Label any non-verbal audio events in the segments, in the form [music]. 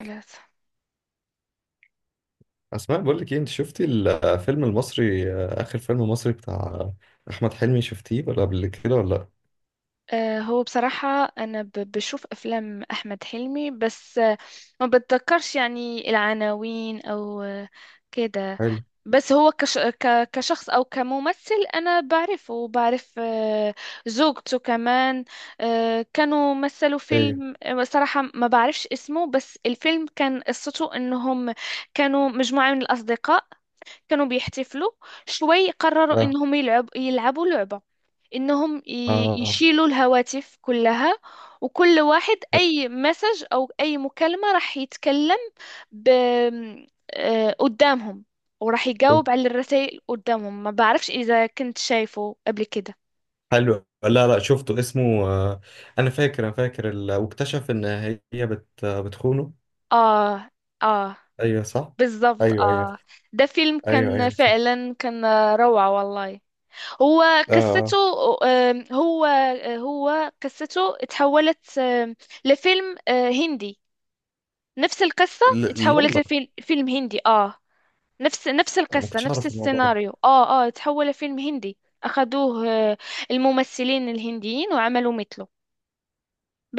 ثلاثة. اسماء، بقول لك ايه، انت شفتي الفيلم المصري، اخر فيلم مصري بتاع احمد حلمي، شفتيه ولا قبل كده ولا لا؟ هو بصراحة أنا بشوف أفلام أحمد حلمي بس ما بتذكرش يعني العناوين أو كده. حلو. بس هو كشخص أو كممثل أنا بعرفه وبعرف زوجته كمان. كانوا مثلوا ايه. فيلم، صراحة ما بعرفش اسمه، بس الفيلم كان قصته إنهم كانوا مجموعة من الأصدقاء، كانوا بيحتفلوا. شوي قرروا اه، إنهم يلعبوا لعبة انهم اه. يشيلوا الهواتف كلها، وكل واحد اي مسج او اي مكالمة راح يتكلم ب... قدامهم، وراح حلو، يجاوب على الرسائل قدامهم. ما بعرفش اذا كنت شايفه قبل كده. حلو. لا، لا، شفته. اسمه آه، انا فاكر واكتشف ان هي بتخونه. اه اه ايوه، صح. بالضبط ايوه، ايوه. اه. ده فيلم ايوه، كان ايوه، شفت. فعلا كان روعة والله. هو اه، قصته، آه. هو هو قصته تحولت لفيلم هندي. نفس القصة لا، لا، اتحولت والله لفيلم هندي اه. نفس ما القصة كنتش نفس اعرف الموضوع ده. السيناريو اه اه اتحول لفيلم هندي. أخدوه الممثلين الهنديين وعملوا مثله.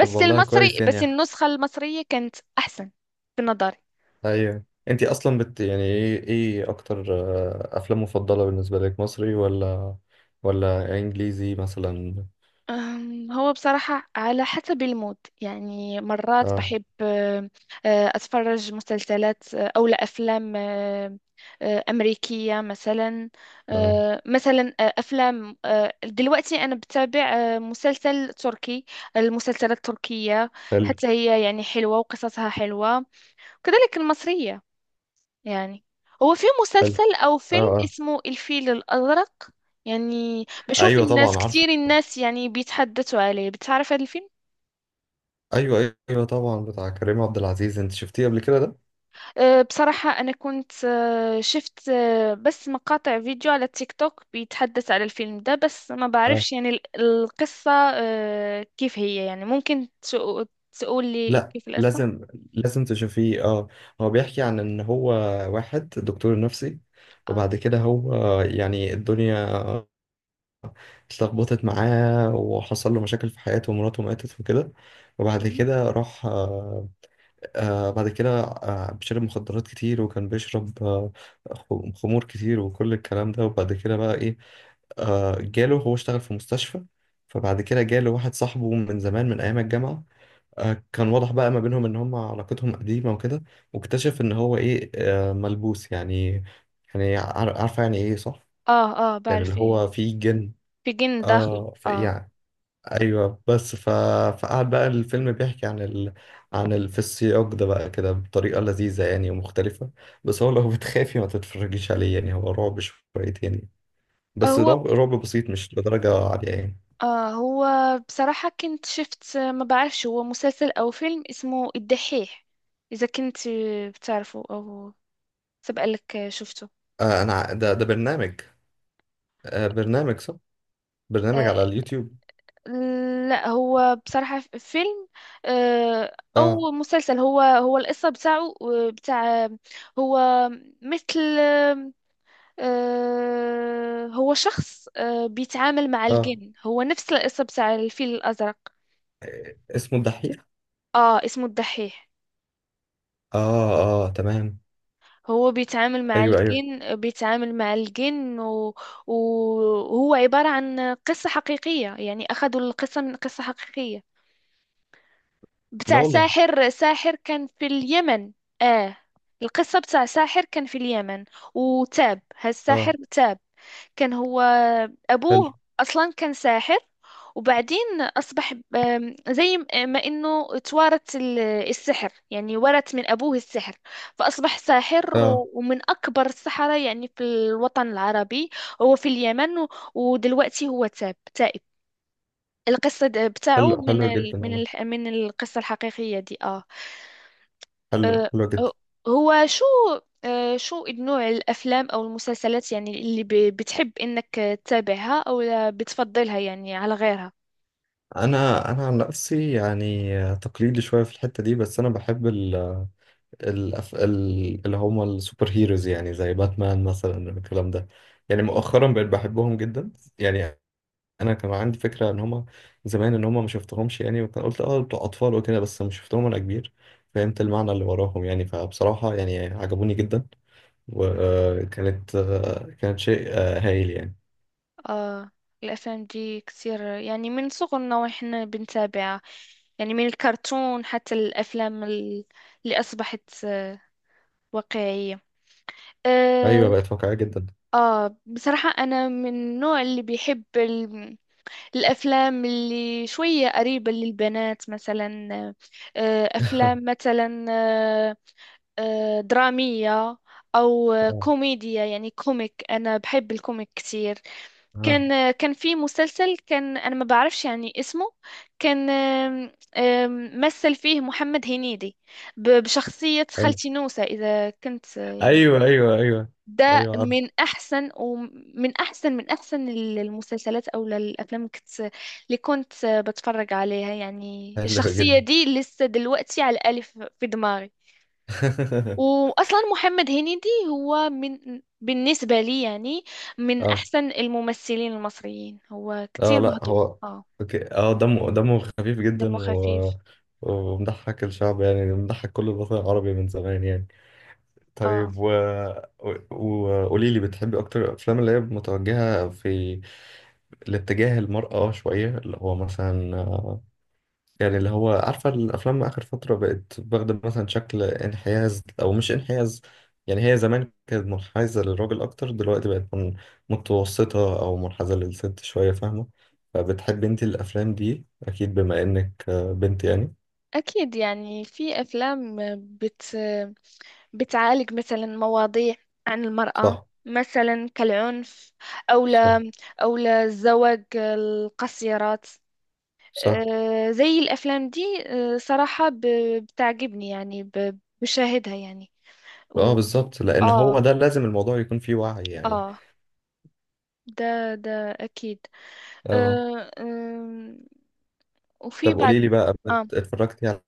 طب، والله المصري كويس بس يعني. النسخة المصرية كانت أحسن في نظري. ايوه، انت اصلا يعني ايه اكتر افلام مفضله بالنسبه لك، مصري ولا انجليزي مثلا؟ هو بصراحة على حسب المود، يعني مرات اه، بحب أتفرج مسلسلات أو لا أفلام أمريكية مثلا. اه. مثلا أفلام دلوقتي أنا بتابع مسلسل تركي. المسلسلات التركية حلو، حتى هي يعني حلوة وقصصها حلوة، وكذلك المصرية يعني. هو في حلو. مسلسل او اه، فيلم اه. اسمه الفيل الازرق، يعني بشوف ايوه، الناس طبعا عارفه. كتير، الناس يعني بيتحدثوا عليه. بتعرف هذا الفيلم؟ ايوه، ايوه، طبعا، بتاع كريم عبد العزيز، انت شفتيه قبل كده ده؟ أه بصراحة أنا كنت أه شفت أه بس مقاطع فيديو على التيك توك بيتحدث على الفيلم ده، بس ما اه. بعرفش يعني القصة أه كيف هي. يعني ممكن تقول لي لا، كيف القصة؟ لازم، لازم تشوفيه اه. هو بيحكي عن ان هو واحد دكتور نفسي، اه وبعد كده هو يعني الدنيا اتلخبطت معاه وحصل له مشاكل في حياته ومراته ماتت وكده. وبعد مهم. كده راح آه، بعد كده بيشرب مخدرات كتير، وكان بيشرب خمور كتير وكل الكلام ده. وبعد كده بقى ايه، جاله، هو اشتغل في مستشفى. فبعد كده جاله واحد صاحبه من زمان من ايام الجامعة. كان واضح بقى ما بينهم ان هم علاقتهم قديمة وكده. واكتشف ان هو ايه، ملبوس يعني. يعني عارفة يعني ايه صح؟ اه اه يعني اللي بعرف ايه، هو فيه جن. بيجن داخله اه، في اه. يعني. ايوه. بس فقعد بقى الفيلم بيحكي في السياق ده بقى كده بطريقه لذيذه يعني ومختلفه. بس هو لو [laughs] بتخافي ما تتفرجيش عليه، يعني هو رعب شويتين يعني. بس هو رعب، رعب بسيط، مش لدرجه عاليه يعني. آه هو بصراحة كنت شفت، ما بعرفش هو مسلسل أو فيلم، اسمه الدحيح. إذا كنت بتعرفه أو سبق لك شفته؟ آه، انا ده برنامج. آه، برنامج صح. برنامج آه على اليوتيوب. لا، هو بصراحة فيلم اه، أو مسلسل. هو هو القصة بتاعه بتاع هو مثل آه هو شخص آه بيتعامل مع اه. الجن، هو نفس القصة بتاع الفيل الأزرق. آه، اسمه الدحيح. آه اسمه الدحيح. اه، اه، تمام. هو بيتعامل مع ايوه، ايوه. الجن، بيتعامل مع الجن و... وهو عبارة عن قصة حقيقية. يعني أخذوا القصة من قصة حقيقية لا بتاع والله. ساحر كان في اليمن. آه القصة بتاع ساحر كان في اليمن، وتاب هالساحر، اه. تاب. كان هو حلو. أبوه أصلا كان ساحر، وبعدين أصبح، زي ما إنه توارث السحر، يعني ورث من أبوه السحر، فأصبح ساحر اه. ومن أكبر السحرة يعني في الوطن العربي. هو في اليمن ودلوقتي هو تاب، تائب. القصة بتاعه حلو، من حلو ال جدا من والله. ال من القصة الحقيقية دي آه. حلو، آه، حلو جدا. آه، هو شو شو نوع الأفلام أو المسلسلات يعني اللي بتحب إنك تتابعها أو لا بتفضلها يعني على غيرها؟ انا عن نفسي يعني تقليدي شويه في الحته دي، بس انا بحب ال ال ال اللي هم السوبر هيروز، يعني زي باتمان مثلا، الكلام ده. يعني مؤخرا بقيت بحبهم جدا يعني. انا كان عندي فكره ان هم زمان، ان هم ما شفتهمش يعني، وكان قلت اه بتوع اطفال وكده، بس ما شفتهم وانا كبير، فهمت المعنى اللي وراهم يعني، فبصراحه يعني عجبوني جدا. مم. وكانت شيء هايل يعني. آه الأفلام دي كتير يعني، من صغرنا وإحنا بنتابعها، يعني من الكرتون حتى الأفلام اللي أصبحت واقعية آه. ايوه، بقت واقعيه جدا. آه بصراحة أنا من النوع اللي بيحب الأفلام اللي شوية قريبة للبنات مثلا. أفلام [laughs] مثلا درامية أو اه، كوميديا، يعني كوميك. أنا بحب الكوميك كتير. آه. كان كان في مسلسل، كان أنا ما بعرفش يعني اسمه، كان آم، آم، مثل فيه محمد هنيدي بشخصية حلو. خالتي نوسة، إذا كنت يعني. ايوه، ايوه، ايوه، ده ايوه، عارف. من احسن ومن احسن من احسن المسلسلات او الافلام اللي كنت اللي كنت بتفرج عليها. يعني حلو الشخصيه جدا. دي لسه دلوقتي على الالف في دماغي. [laughs] واصلا محمد هنيدي هو من بالنسبه لي يعني من اه، احسن الممثلين المصريين، هو اه، كتير لا، مهضوم هو اه، اوكي. اه، دمه خفيف دمه جدا خفيف ومضحك الشعب، يعني مضحك كل الوطن العربي من زمان يعني. اه. طيب، و وقولي لي، بتحبي اكتر الافلام اللي هي متوجهه في الاتجاه المرأة شويه، اللي هو مثلا يعني اللي هو عارفة، الأفلام آخر فترة بقت واخدة مثلا شكل انحياز أو مش انحياز، يعني هي زمان كانت منحازة للراجل أكتر، دلوقتي بقت متوسطة أو منحازة للست شوية، فاهمة؟ فبتحب أنت الأفلام دي أكيد بما إنك بنت يعني. اكيد يعني في افلام بت بتعالج مثلا مواضيع عن المرأة، صح، مثلا كالعنف أو صح، أو للزواج القصيرات. صح. زي الأفلام دي، صراحة بتعجبني يعني، بشاهدها يعني اه، و... بالظبط، لأن آه هو ده لازم الموضوع يكون فيه وعي يعني. آه ده ده أكيد. اه. آه، آم، وفي طب، بعد قولي لي بقى آه اتفرجتي على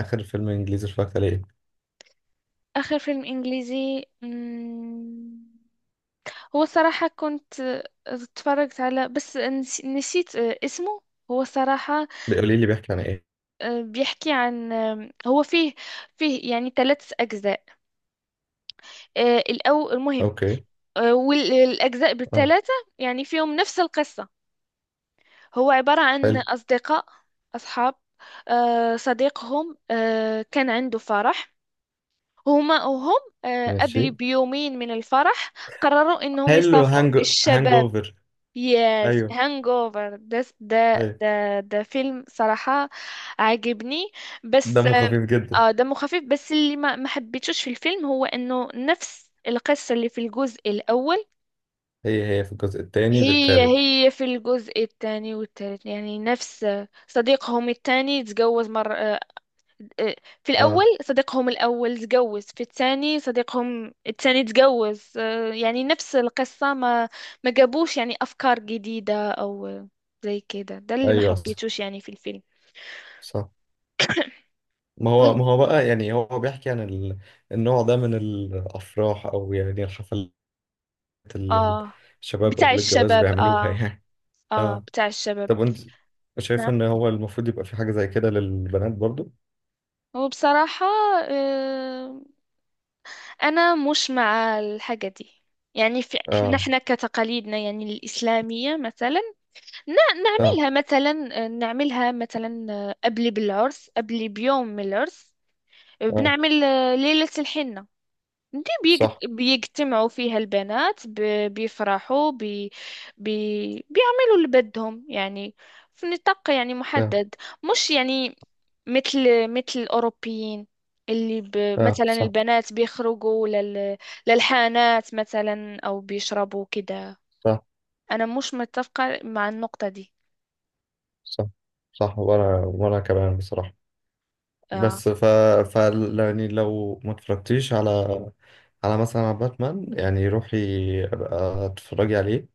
آخر فيلم إنجليزي اتفرجت عليه إيه؟ آخر فيلم إنجليزي، هو صراحة كنت اتفرجت على، بس نسيت اسمه. هو صراحة قولي لي بيحكي عن إيه؟ بيحكي عن هو فيه فيه يعني ثلاث أجزاء. الأول المهم أوكي. والأجزاء اه. بالثلاثة يعني فيهم نفس القصة. هو عبارة عن حلو. أصدقاء، أصحاب، صديقهم كان عنده فرح. هما وهم قبل ماشي. بيومين من الفرح قرروا إنهم حلو، يسافروا هانج الشباب. اوفر. يس ايوه، هانج اوفر، ايوه. ده فيلم صراحة عاجبني، بس دمه خفيف اه جدا. دمه خفيف. بس اللي ما حبيتوش في الفيلم هو انه نفس القصة اللي في الجزء الاول، هي في الجزء الثاني في هي الثالث. هي في الجزء الثاني والثالث، يعني نفس صديقهم الثاني تزوج مرة. آه، في الأول اه. صديقهم الأول تجوز، في الثاني صديقهم الثاني تجوز، يعني نفس القصة. ما جابوش يعني أفكار جديدة أو زي كده، ده اللي ما ايوه، صح. حبيتوش يعني في الفيلم. صح. ما هو وين- ما هو بقى يعني هو بيحكي عن النوع ده من الافراح او يعني الحفلات اللي آه الشباب بتاع قبل الجواز الشباب بيعملوها [laughs] آه، يعني. آه اه. بتاع الشباب. طب، انت شايف نعم ان هو المفروض يبقى في حاجة زي كده للبنات برضو؟ وبصراحة آه، أنا مش مع الحاجة دي يعني. في اه، نحن كتقاليدنا يعني الإسلامية مثلا، ن- اه، نعملها مثلا، نعملها مثلا قبل بالعرس، قبل بيوم من العرس اه، بنعمل ليلة الحنة. دي صح. بيجتمعوا فيها البنات بيفرحوا بي بي بيعملوا اللي بدهم، يعني في نطاق يعني اه، محدد، مش يعني مثل مثل الأوروبيين اللي ب اه. مثلا صح، البنات بيخرجوا للحانات مثلا أو بيشربوا كده. صح، أنا مش متفقة مع النقطة دي صح، صح، وانا كمان بصراحة. آه. بس ف يعني لو ما اتفرجتيش على مثلا على باتمان، يعني روحي ابقى اتفرجي عليه،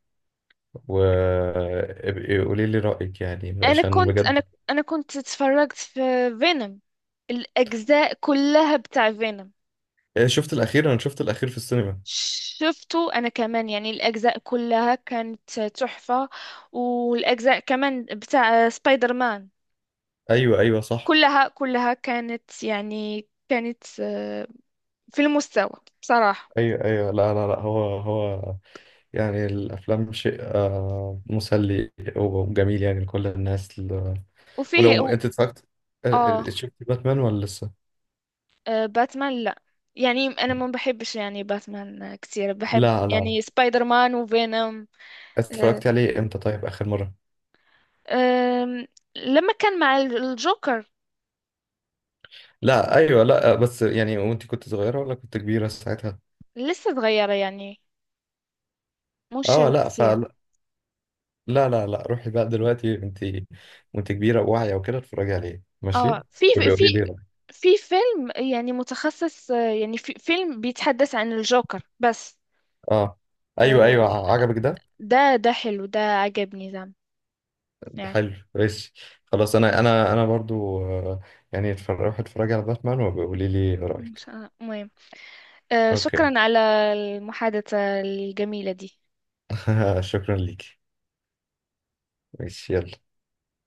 وابقي قولي لي رأيك يعني انا عشان كنت بجد. انا انا كنت اتفرجت في فينوم، الاجزاء كلها بتاع فينوم. إيه، شفت الأخير، أنا شفت الأخير في السينما. شفته انا كمان، يعني الاجزاء كلها كانت تحفة، والاجزاء كمان بتاع سبايدر مان، أيوه، أيوه، صح. كلها كلها كانت يعني كانت في المستوى بصراحة. أيوه، أيوه، لا، لا، لا، هو يعني الأفلام شيء مسلي وجميل يعني لكل الناس وفيه ولو و... أنت اتفرجت اه آه، شفت باتمان ولا لسه؟ باتمان لا، يعني انا ما بحبش يعني باتمان كثير. بحب لا، لا. يعني سبايدر مان وفينوم. اتفرجت عليه امتى طيب آخر مرة؟ أم، لما كان مع الجوكر، لا، ايوه، لا، بس يعني، وانت كنت صغيره ولا كنت كبيره ساعتها؟ لسه صغيرة يعني، مش اه، لا، كتير. فلا. لا، لا، لا، روحي بقى دلوقتي، وانت كبيره وواعيه وكده، اتفرجي عليه ماشي. اه وبيقولي لي رأيك. في فيلم يعني متخصص يعني في فيلم بيتحدث عن الجوكر بس. اه، آه، ايوه، ايوه، عجبك ده؟ ده ده حلو، ده عجبني ده يعني. حلو، ماشي. خلاص، انا برضو يعني روحي اتفرجي على باتمان وبيقولي لي رايك. المهم، اوكي. شكرا على المحادثة الجميلة دي. [laughs] شكرا ليكي. ماشي، يلا.